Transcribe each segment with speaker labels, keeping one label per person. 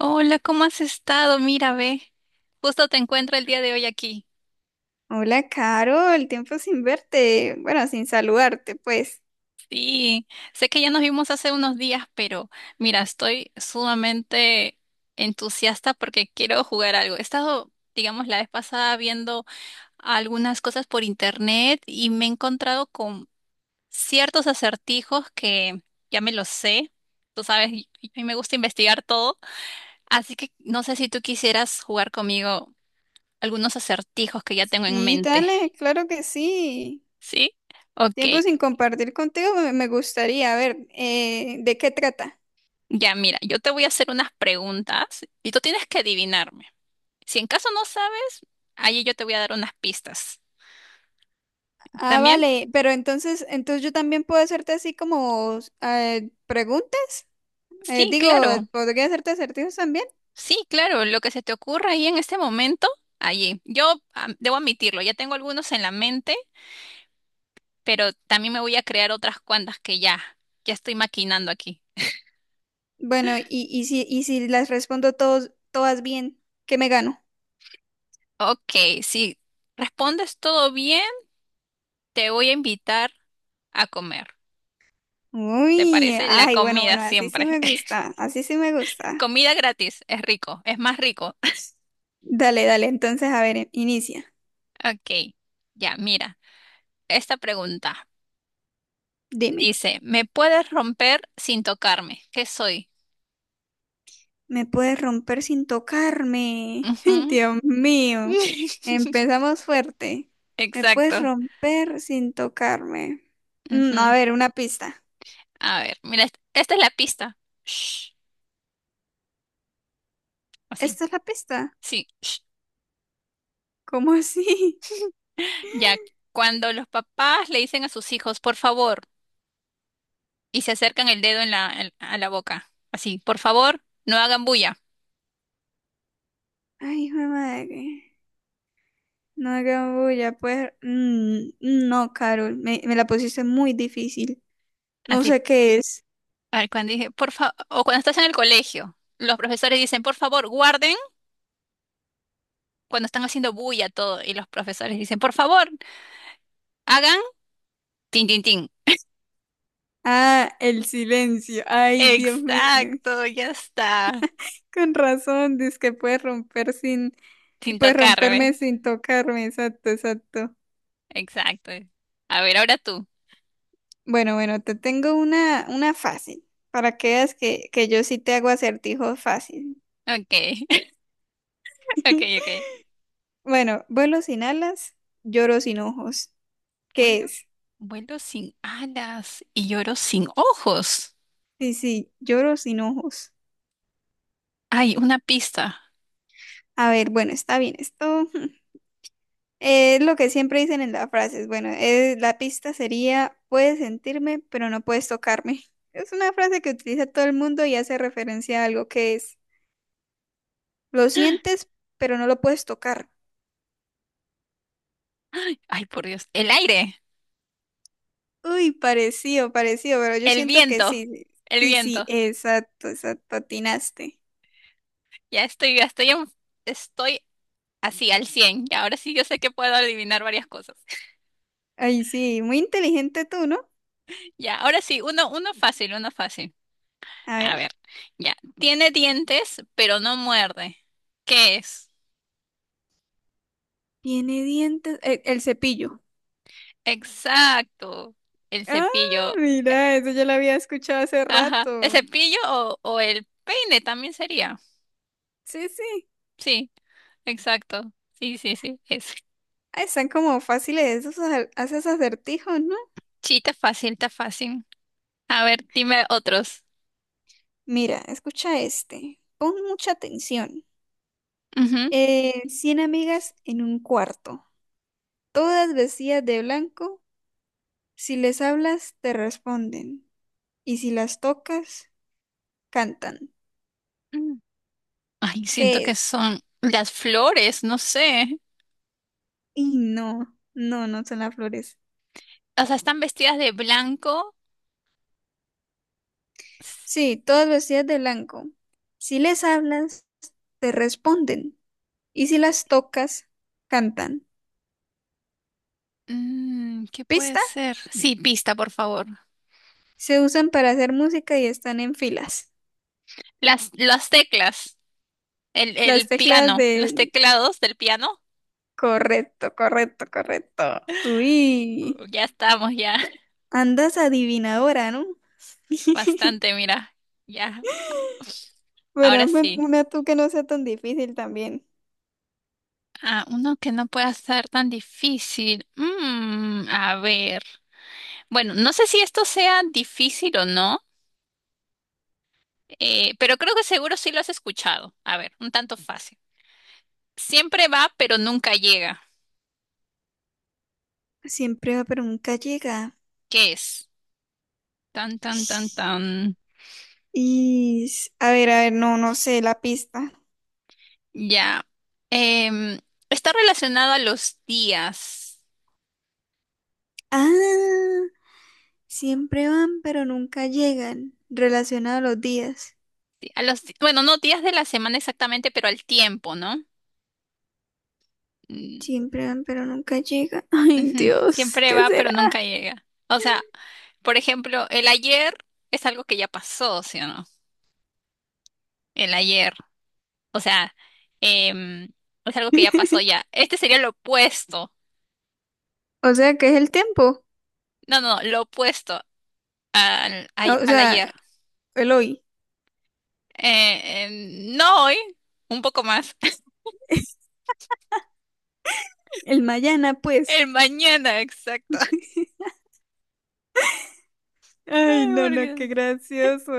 Speaker 1: Hola, ¿cómo has estado? Mira, ve, justo te encuentro el día de hoy aquí.
Speaker 2: Hola, Carol, tiempo sin verte, bueno, sin saludarte, pues.
Speaker 1: Sí, sé que ya nos vimos hace unos días, pero mira, estoy sumamente entusiasta porque quiero jugar algo. He estado, digamos, la vez pasada viendo algunas cosas por internet y me he encontrado con ciertos acertijos que ya me los sé. Tú sabes, y a mí me gusta investigar todo, así que no sé si tú quisieras jugar conmigo algunos acertijos que ya tengo en
Speaker 2: Sí,
Speaker 1: mente.
Speaker 2: dale, claro que sí.
Speaker 1: ¿Sí? Ok.
Speaker 2: Tiempo sin compartir contigo, me gustaría, a ver, ¿de qué trata?
Speaker 1: Ya, mira, yo te voy a hacer unas preguntas y tú tienes que adivinarme. Si en caso no sabes, ahí yo te voy a dar unas pistas.
Speaker 2: Ah,
Speaker 1: ¿También?
Speaker 2: vale, pero entonces yo también puedo hacerte así como preguntas.
Speaker 1: Sí,
Speaker 2: Digo,
Speaker 1: claro.
Speaker 2: ¿podría hacerte acertijos también?
Speaker 1: Sí, claro. Lo que se te ocurra ahí en este momento, allí. Yo debo admitirlo, ya tengo algunos en la mente, pero también me voy a crear otras cuantas que ya, ya estoy maquinando aquí.
Speaker 2: Bueno, y si las respondo todos, todas bien, ¿qué me gano?
Speaker 1: Ok, si respondes todo bien, te voy a invitar a comer. ¿Te
Speaker 2: Uy,
Speaker 1: parece? La
Speaker 2: ay, bueno,
Speaker 1: comida
Speaker 2: bueno, así sí
Speaker 1: siempre.
Speaker 2: me gusta, así sí me gusta.
Speaker 1: Comida gratis, es rico, es más rico.
Speaker 2: Dale, dale, entonces, a ver, inicia.
Speaker 1: Ok, ya, mira, esta pregunta
Speaker 2: Dime,
Speaker 1: dice, ¿me puedes romper sin tocarme? ¿Qué soy?
Speaker 2: ¿me puedes romper sin tocarme? Ay,
Speaker 1: Ujú.
Speaker 2: Dios mío, empezamos fuerte. ¿Me puedes
Speaker 1: Exacto.
Speaker 2: romper sin tocarme? A
Speaker 1: Ujú.
Speaker 2: ver, una pista.
Speaker 1: A ver, mira, esta es la pista. Shh. Así,
Speaker 2: ¿Esta es la pista?
Speaker 1: sí. Shh.
Speaker 2: ¿Cómo así?
Speaker 1: Ya, cuando los papás le dicen a sus hijos, por favor, y se acercan el dedo a la boca, así, por favor, no hagan bulla.
Speaker 2: Ay, hijo de madre. No hagas bulla, pues. No, Carol, me la pusiste muy difícil. No
Speaker 1: Así,
Speaker 2: sé qué es.
Speaker 1: a ver, cuando dije, por favor, o cuando estás en el colegio, los profesores dicen, por favor, guarden. Cuando están haciendo bulla todo y los profesores dicen, por favor, hagan tin, tin, tin.
Speaker 2: Ah, el silencio. Ay, Dios mío.
Speaker 1: Exacto, ya está.
Speaker 2: Con razón, dice que puedes romper sin,
Speaker 1: Sin
Speaker 2: puedes romperme
Speaker 1: tocarme.
Speaker 2: sin tocarme, exacto, exacto.
Speaker 1: Exacto. A ver, ahora tú.
Speaker 2: Bueno, bueno, te tengo una fácil, para que veas que yo sí te hago acertijos fácil.
Speaker 1: Ok, ok, ok.
Speaker 2: Bueno, vuelo sin alas, lloro sin ojos. ¿Qué
Speaker 1: Vuelo,
Speaker 2: es?
Speaker 1: vuelo sin alas y lloro sin ojos.
Speaker 2: Sí, sí, lloro sin ojos.
Speaker 1: Ay, una pista.
Speaker 2: A ver, bueno, está bien, esto. Lo que siempre dicen en las frases, bueno, la pista sería, puedes sentirme, pero no puedes tocarme. Es una frase que utiliza todo el mundo y hace referencia a algo que es, lo sientes, pero no lo puedes tocar.
Speaker 1: Ay, por Dios. El aire,
Speaker 2: Uy, parecido, parecido, pero yo
Speaker 1: el
Speaker 2: siento que
Speaker 1: viento,
Speaker 2: sí,
Speaker 1: el
Speaker 2: sí, sí,
Speaker 1: viento.
Speaker 2: exacto, exacto, atinaste.
Speaker 1: Ya estoy, estoy así al 100. Ya, ahora sí yo sé que puedo adivinar varias cosas.
Speaker 2: Ay, sí, muy inteligente tú, ¿no?
Speaker 1: Ya, ahora sí, uno fácil, uno fácil.
Speaker 2: A
Speaker 1: A
Speaker 2: ver,
Speaker 1: ver, ya. Tiene dientes, pero no muerde. ¿Qué es?
Speaker 2: tiene dientes, el cepillo.
Speaker 1: Exacto. El
Speaker 2: Ah,
Speaker 1: cepillo.
Speaker 2: mira, eso ya lo había escuchado hace
Speaker 1: Ajá. ¿El
Speaker 2: rato.
Speaker 1: cepillo o el peine también sería?
Speaker 2: Sí, sí.
Speaker 1: Sí, exacto. Sí, sí, sí. Es.
Speaker 2: Ah, están como fáciles esos haces acertijos, ¿no?
Speaker 1: Sí, está fácil, está fácil. A ver, dime otros.
Speaker 2: Mira, escucha este. Pon mucha atención.
Speaker 1: Ujú.
Speaker 2: 100 amigas en un cuarto, todas vestidas de blanco. Si les hablas, te responden. Y si las tocas, cantan.
Speaker 1: Mm. Ay, siento
Speaker 2: ¿Qué
Speaker 1: que
Speaker 2: es?
Speaker 1: son las flores, no sé.
Speaker 2: Y no, no, no son las flores.
Speaker 1: O sea, están vestidas de blanco. S-
Speaker 2: Sí, todas vestidas de blanco. Si les hablas, te responden. Y si las tocas, cantan.
Speaker 1: Mm, ¿qué puede
Speaker 2: ¿Pista?
Speaker 1: ser? Sí, pista, por favor.
Speaker 2: Se usan para hacer música y están en filas.
Speaker 1: Las teclas. El,
Speaker 2: Las
Speaker 1: el
Speaker 2: teclas
Speaker 1: piano, los
Speaker 2: de...
Speaker 1: teclados del piano.
Speaker 2: Correcto, correcto, correcto. Uy,
Speaker 1: Ya estamos, ya.
Speaker 2: andas adivinadora, ¿no?
Speaker 1: Bastante, mira. Ya,
Speaker 2: Bueno,
Speaker 1: ahora
Speaker 2: hazme
Speaker 1: sí.
Speaker 2: una tú que no sea tan difícil también.
Speaker 1: Ah, uno que no pueda ser tan difícil. Mm, a ver. Bueno, no sé si esto sea difícil o no, pero creo que seguro sí lo has escuchado. A ver, un tanto fácil. Siempre va, pero nunca llega.
Speaker 2: Siempre va, pero nunca llega.
Speaker 1: ¿Qué es? Tan, tan, tan, tan.
Speaker 2: Y... a ver, a ver, no, no sé la pista.
Speaker 1: Ya. Em, Está relacionado a los días.
Speaker 2: Ah, siempre van, pero nunca llegan. Relacionado a los días.
Speaker 1: A los, bueno, no días de la semana exactamente, pero al tiempo, ¿no? Mm,
Speaker 2: Siempre van, pero nunca llegan. Ay,
Speaker 1: ujú.
Speaker 2: Dios,
Speaker 1: Siempre
Speaker 2: ¿qué
Speaker 1: va, pero
Speaker 2: será?
Speaker 1: nunca llega. O sea, por ejemplo, el ayer es algo que ya pasó, ¿sí o no? El ayer. O sea, em, es algo que ya pasó ya. Este sería lo opuesto.
Speaker 2: O sea, ¿qué es el tiempo.
Speaker 1: No, no, lo opuesto al, ay-
Speaker 2: O
Speaker 1: al ayer.
Speaker 2: sea, el hoy,
Speaker 1: No hoy, un poco más.
Speaker 2: el mañana, pues.
Speaker 1: El mañana, exacto.
Speaker 2: Ay,
Speaker 1: Ay,
Speaker 2: no,
Speaker 1: por
Speaker 2: no, qué
Speaker 1: Dios.
Speaker 2: gracioso.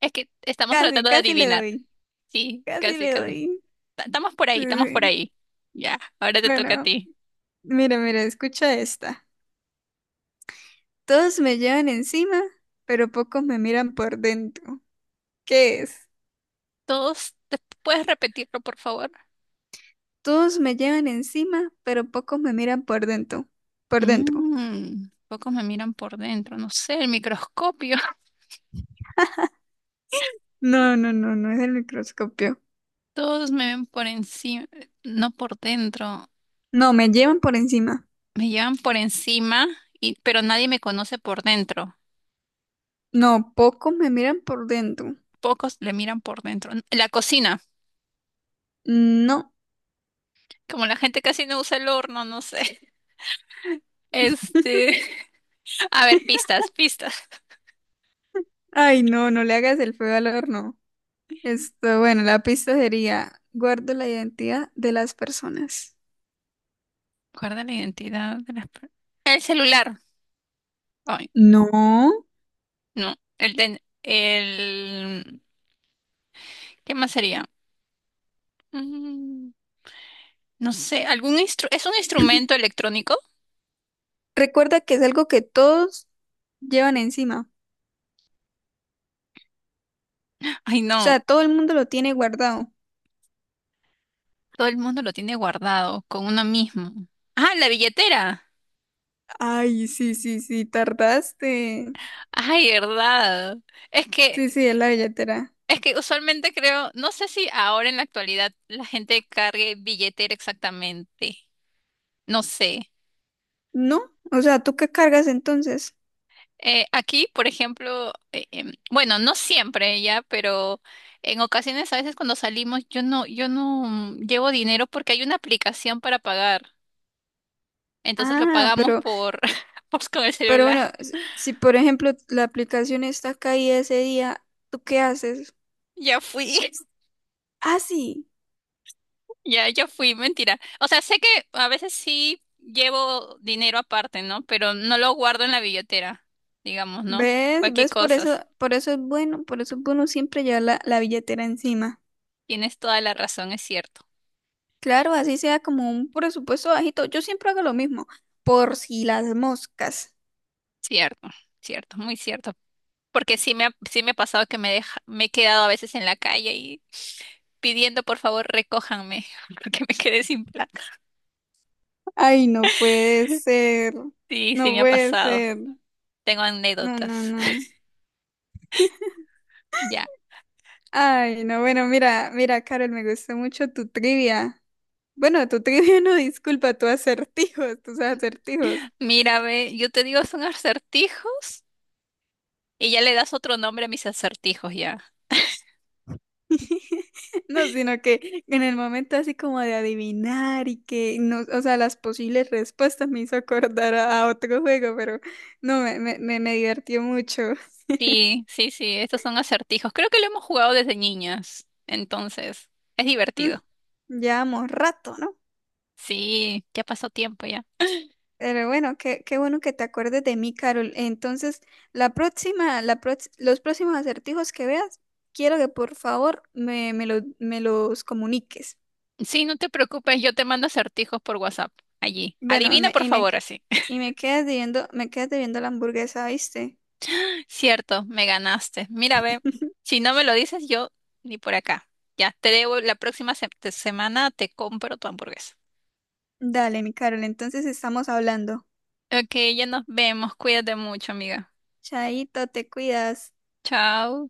Speaker 1: Es que estamos
Speaker 2: Casi,
Speaker 1: tratando de
Speaker 2: casi le
Speaker 1: adivinar.
Speaker 2: doy,
Speaker 1: Sí,
Speaker 2: casi
Speaker 1: casi,
Speaker 2: le
Speaker 1: casi.
Speaker 2: doy.
Speaker 1: Estamos por
Speaker 2: Sí,
Speaker 1: ahí, estamos por
Speaker 2: sí.
Speaker 1: ahí. Ya, ahora te toca a
Speaker 2: Bueno,
Speaker 1: ti.
Speaker 2: mira, mira, escucha esta. Todos me llevan encima, pero pocos me miran por dentro. ¿Qué es?
Speaker 1: ¿Puedes repetirlo, por favor?
Speaker 2: Todos me llevan encima, pero pocos me miran por dentro. Por dentro.
Speaker 1: Mm, pocos me miran por dentro, no sé, el microscopio.
Speaker 2: No, no, no, no es el microscopio.
Speaker 1: Todos me ven por encima, no por dentro.
Speaker 2: No, me llevan por encima.
Speaker 1: Me llevan por encima, pero nadie me conoce por dentro.
Speaker 2: No, pocos me miran por dentro.
Speaker 1: Pocos le miran por dentro. La cocina,
Speaker 2: No.
Speaker 1: como la gente casi no usa el horno, no sé. Este, a ver, pistas, pistas.
Speaker 2: Ay, no, no le hagas el feo al horno. Esto, bueno, la pista sería, guardo la identidad de las personas.
Speaker 1: Guarda la identidad de las per- El celular.
Speaker 2: No.
Speaker 1: No, ¿qué más sería? Mm, no sé, algún instru- ¿es un instrumento electrónico?
Speaker 2: Recuerda que es algo que todos llevan encima.
Speaker 1: Ay,
Speaker 2: O
Speaker 1: no,
Speaker 2: sea, todo el mundo lo tiene guardado.
Speaker 1: todo el mundo lo tiene guardado con uno mismo. Ah, la billetera.
Speaker 2: Ay, sí, sí, sí, tardaste.
Speaker 1: Ay, verdad. Es que,
Speaker 2: Sí, sí, es la billetera.
Speaker 1: es que usualmente creo, no sé si ahora en la actualidad la gente cargue billetera exactamente. No sé.
Speaker 2: ¿No? O sea, ¿tú qué cargas entonces?
Speaker 1: Aquí, por ejemplo, bueno, no siempre ya, pero en ocasiones a veces cuando salimos yo no llevo dinero porque hay una aplicación para pagar. Entonces lo
Speaker 2: Ah,
Speaker 1: pagamos por, pues, con el
Speaker 2: pero
Speaker 1: celular.
Speaker 2: bueno, si por ejemplo la aplicación está caída ese día, ¿tú qué haces?
Speaker 1: Ya fui,
Speaker 2: Ah, sí.
Speaker 1: ya fui, mentira. O sea, sé que a veces sí llevo dinero aparte, ¿no? Pero no lo guardo en la billetera, digamos, ¿no?
Speaker 2: ¿Ves?
Speaker 1: Cualquier
Speaker 2: ¿Ves?
Speaker 1: cosas.
Speaker 2: Por eso es bueno, por eso es bueno siempre llevar la, la billetera encima.
Speaker 1: Tienes toda la razón, es cierto.
Speaker 2: Claro, así sea como un presupuesto bajito. Yo siempre hago lo mismo, por si las moscas.
Speaker 1: Cierto, cierto, muy cierto. Porque sí me ha pasado que me he quedado a veces en la calle y pidiendo por favor recójanme porque me quedé sin plata.
Speaker 2: Ay, no puede ser.
Speaker 1: Sí, sí
Speaker 2: No
Speaker 1: me ha
Speaker 2: puede
Speaker 1: pasado.
Speaker 2: ser.
Speaker 1: Tengo
Speaker 2: No, no,
Speaker 1: anécdotas.
Speaker 2: no.
Speaker 1: Ya.
Speaker 2: Ay, no, bueno, mira, mira, Carol, me gustó mucho tu trivia. Bueno, tu trivia no, disculpa, tus acertijos, tus acertijos.
Speaker 1: Mira, ve, yo te digo son acertijos y ya le das otro nombre a mis acertijos ya.
Speaker 2: No, sino que en el momento así como de adivinar y que no, o sea, las posibles respuestas me hizo acordar a otro juego, pero no, me divertió mucho.
Speaker 1: Sí, sí, sí, estos son acertijos. Creo que lo hemos jugado desde niñas. Entonces, es
Speaker 2: Mm,
Speaker 1: divertido.
Speaker 2: Llevamos rato, ¿no?
Speaker 1: Sí, ya pasó tiempo ya.
Speaker 2: Pero bueno, qué, qué bueno que te acuerdes de mí, Carol. Entonces, la próxima, los próximos acertijos que veas, quiero que por favor me los comuniques.
Speaker 1: Sí, no te preocupes, yo te mando acertijos por WhatsApp allí.
Speaker 2: Bueno,
Speaker 1: Adivina por favor así.
Speaker 2: y me quedas debiendo la hamburguesa, ¿viste?
Speaker 1: Cierto, me ganaste. Mira, ve, si no me lo dices, yo ni por acá. Ya, te debo, la próxima semana te compro tu hamburguesa.
Speaker 2: Dale, mi Carol, entonces estamos hablando.
Speaker 1: Ok, ya nos vemos. Cuídate mucho, amiga.
Speaker 2: Chaito, te cuidas.
Speaker 1: Chao.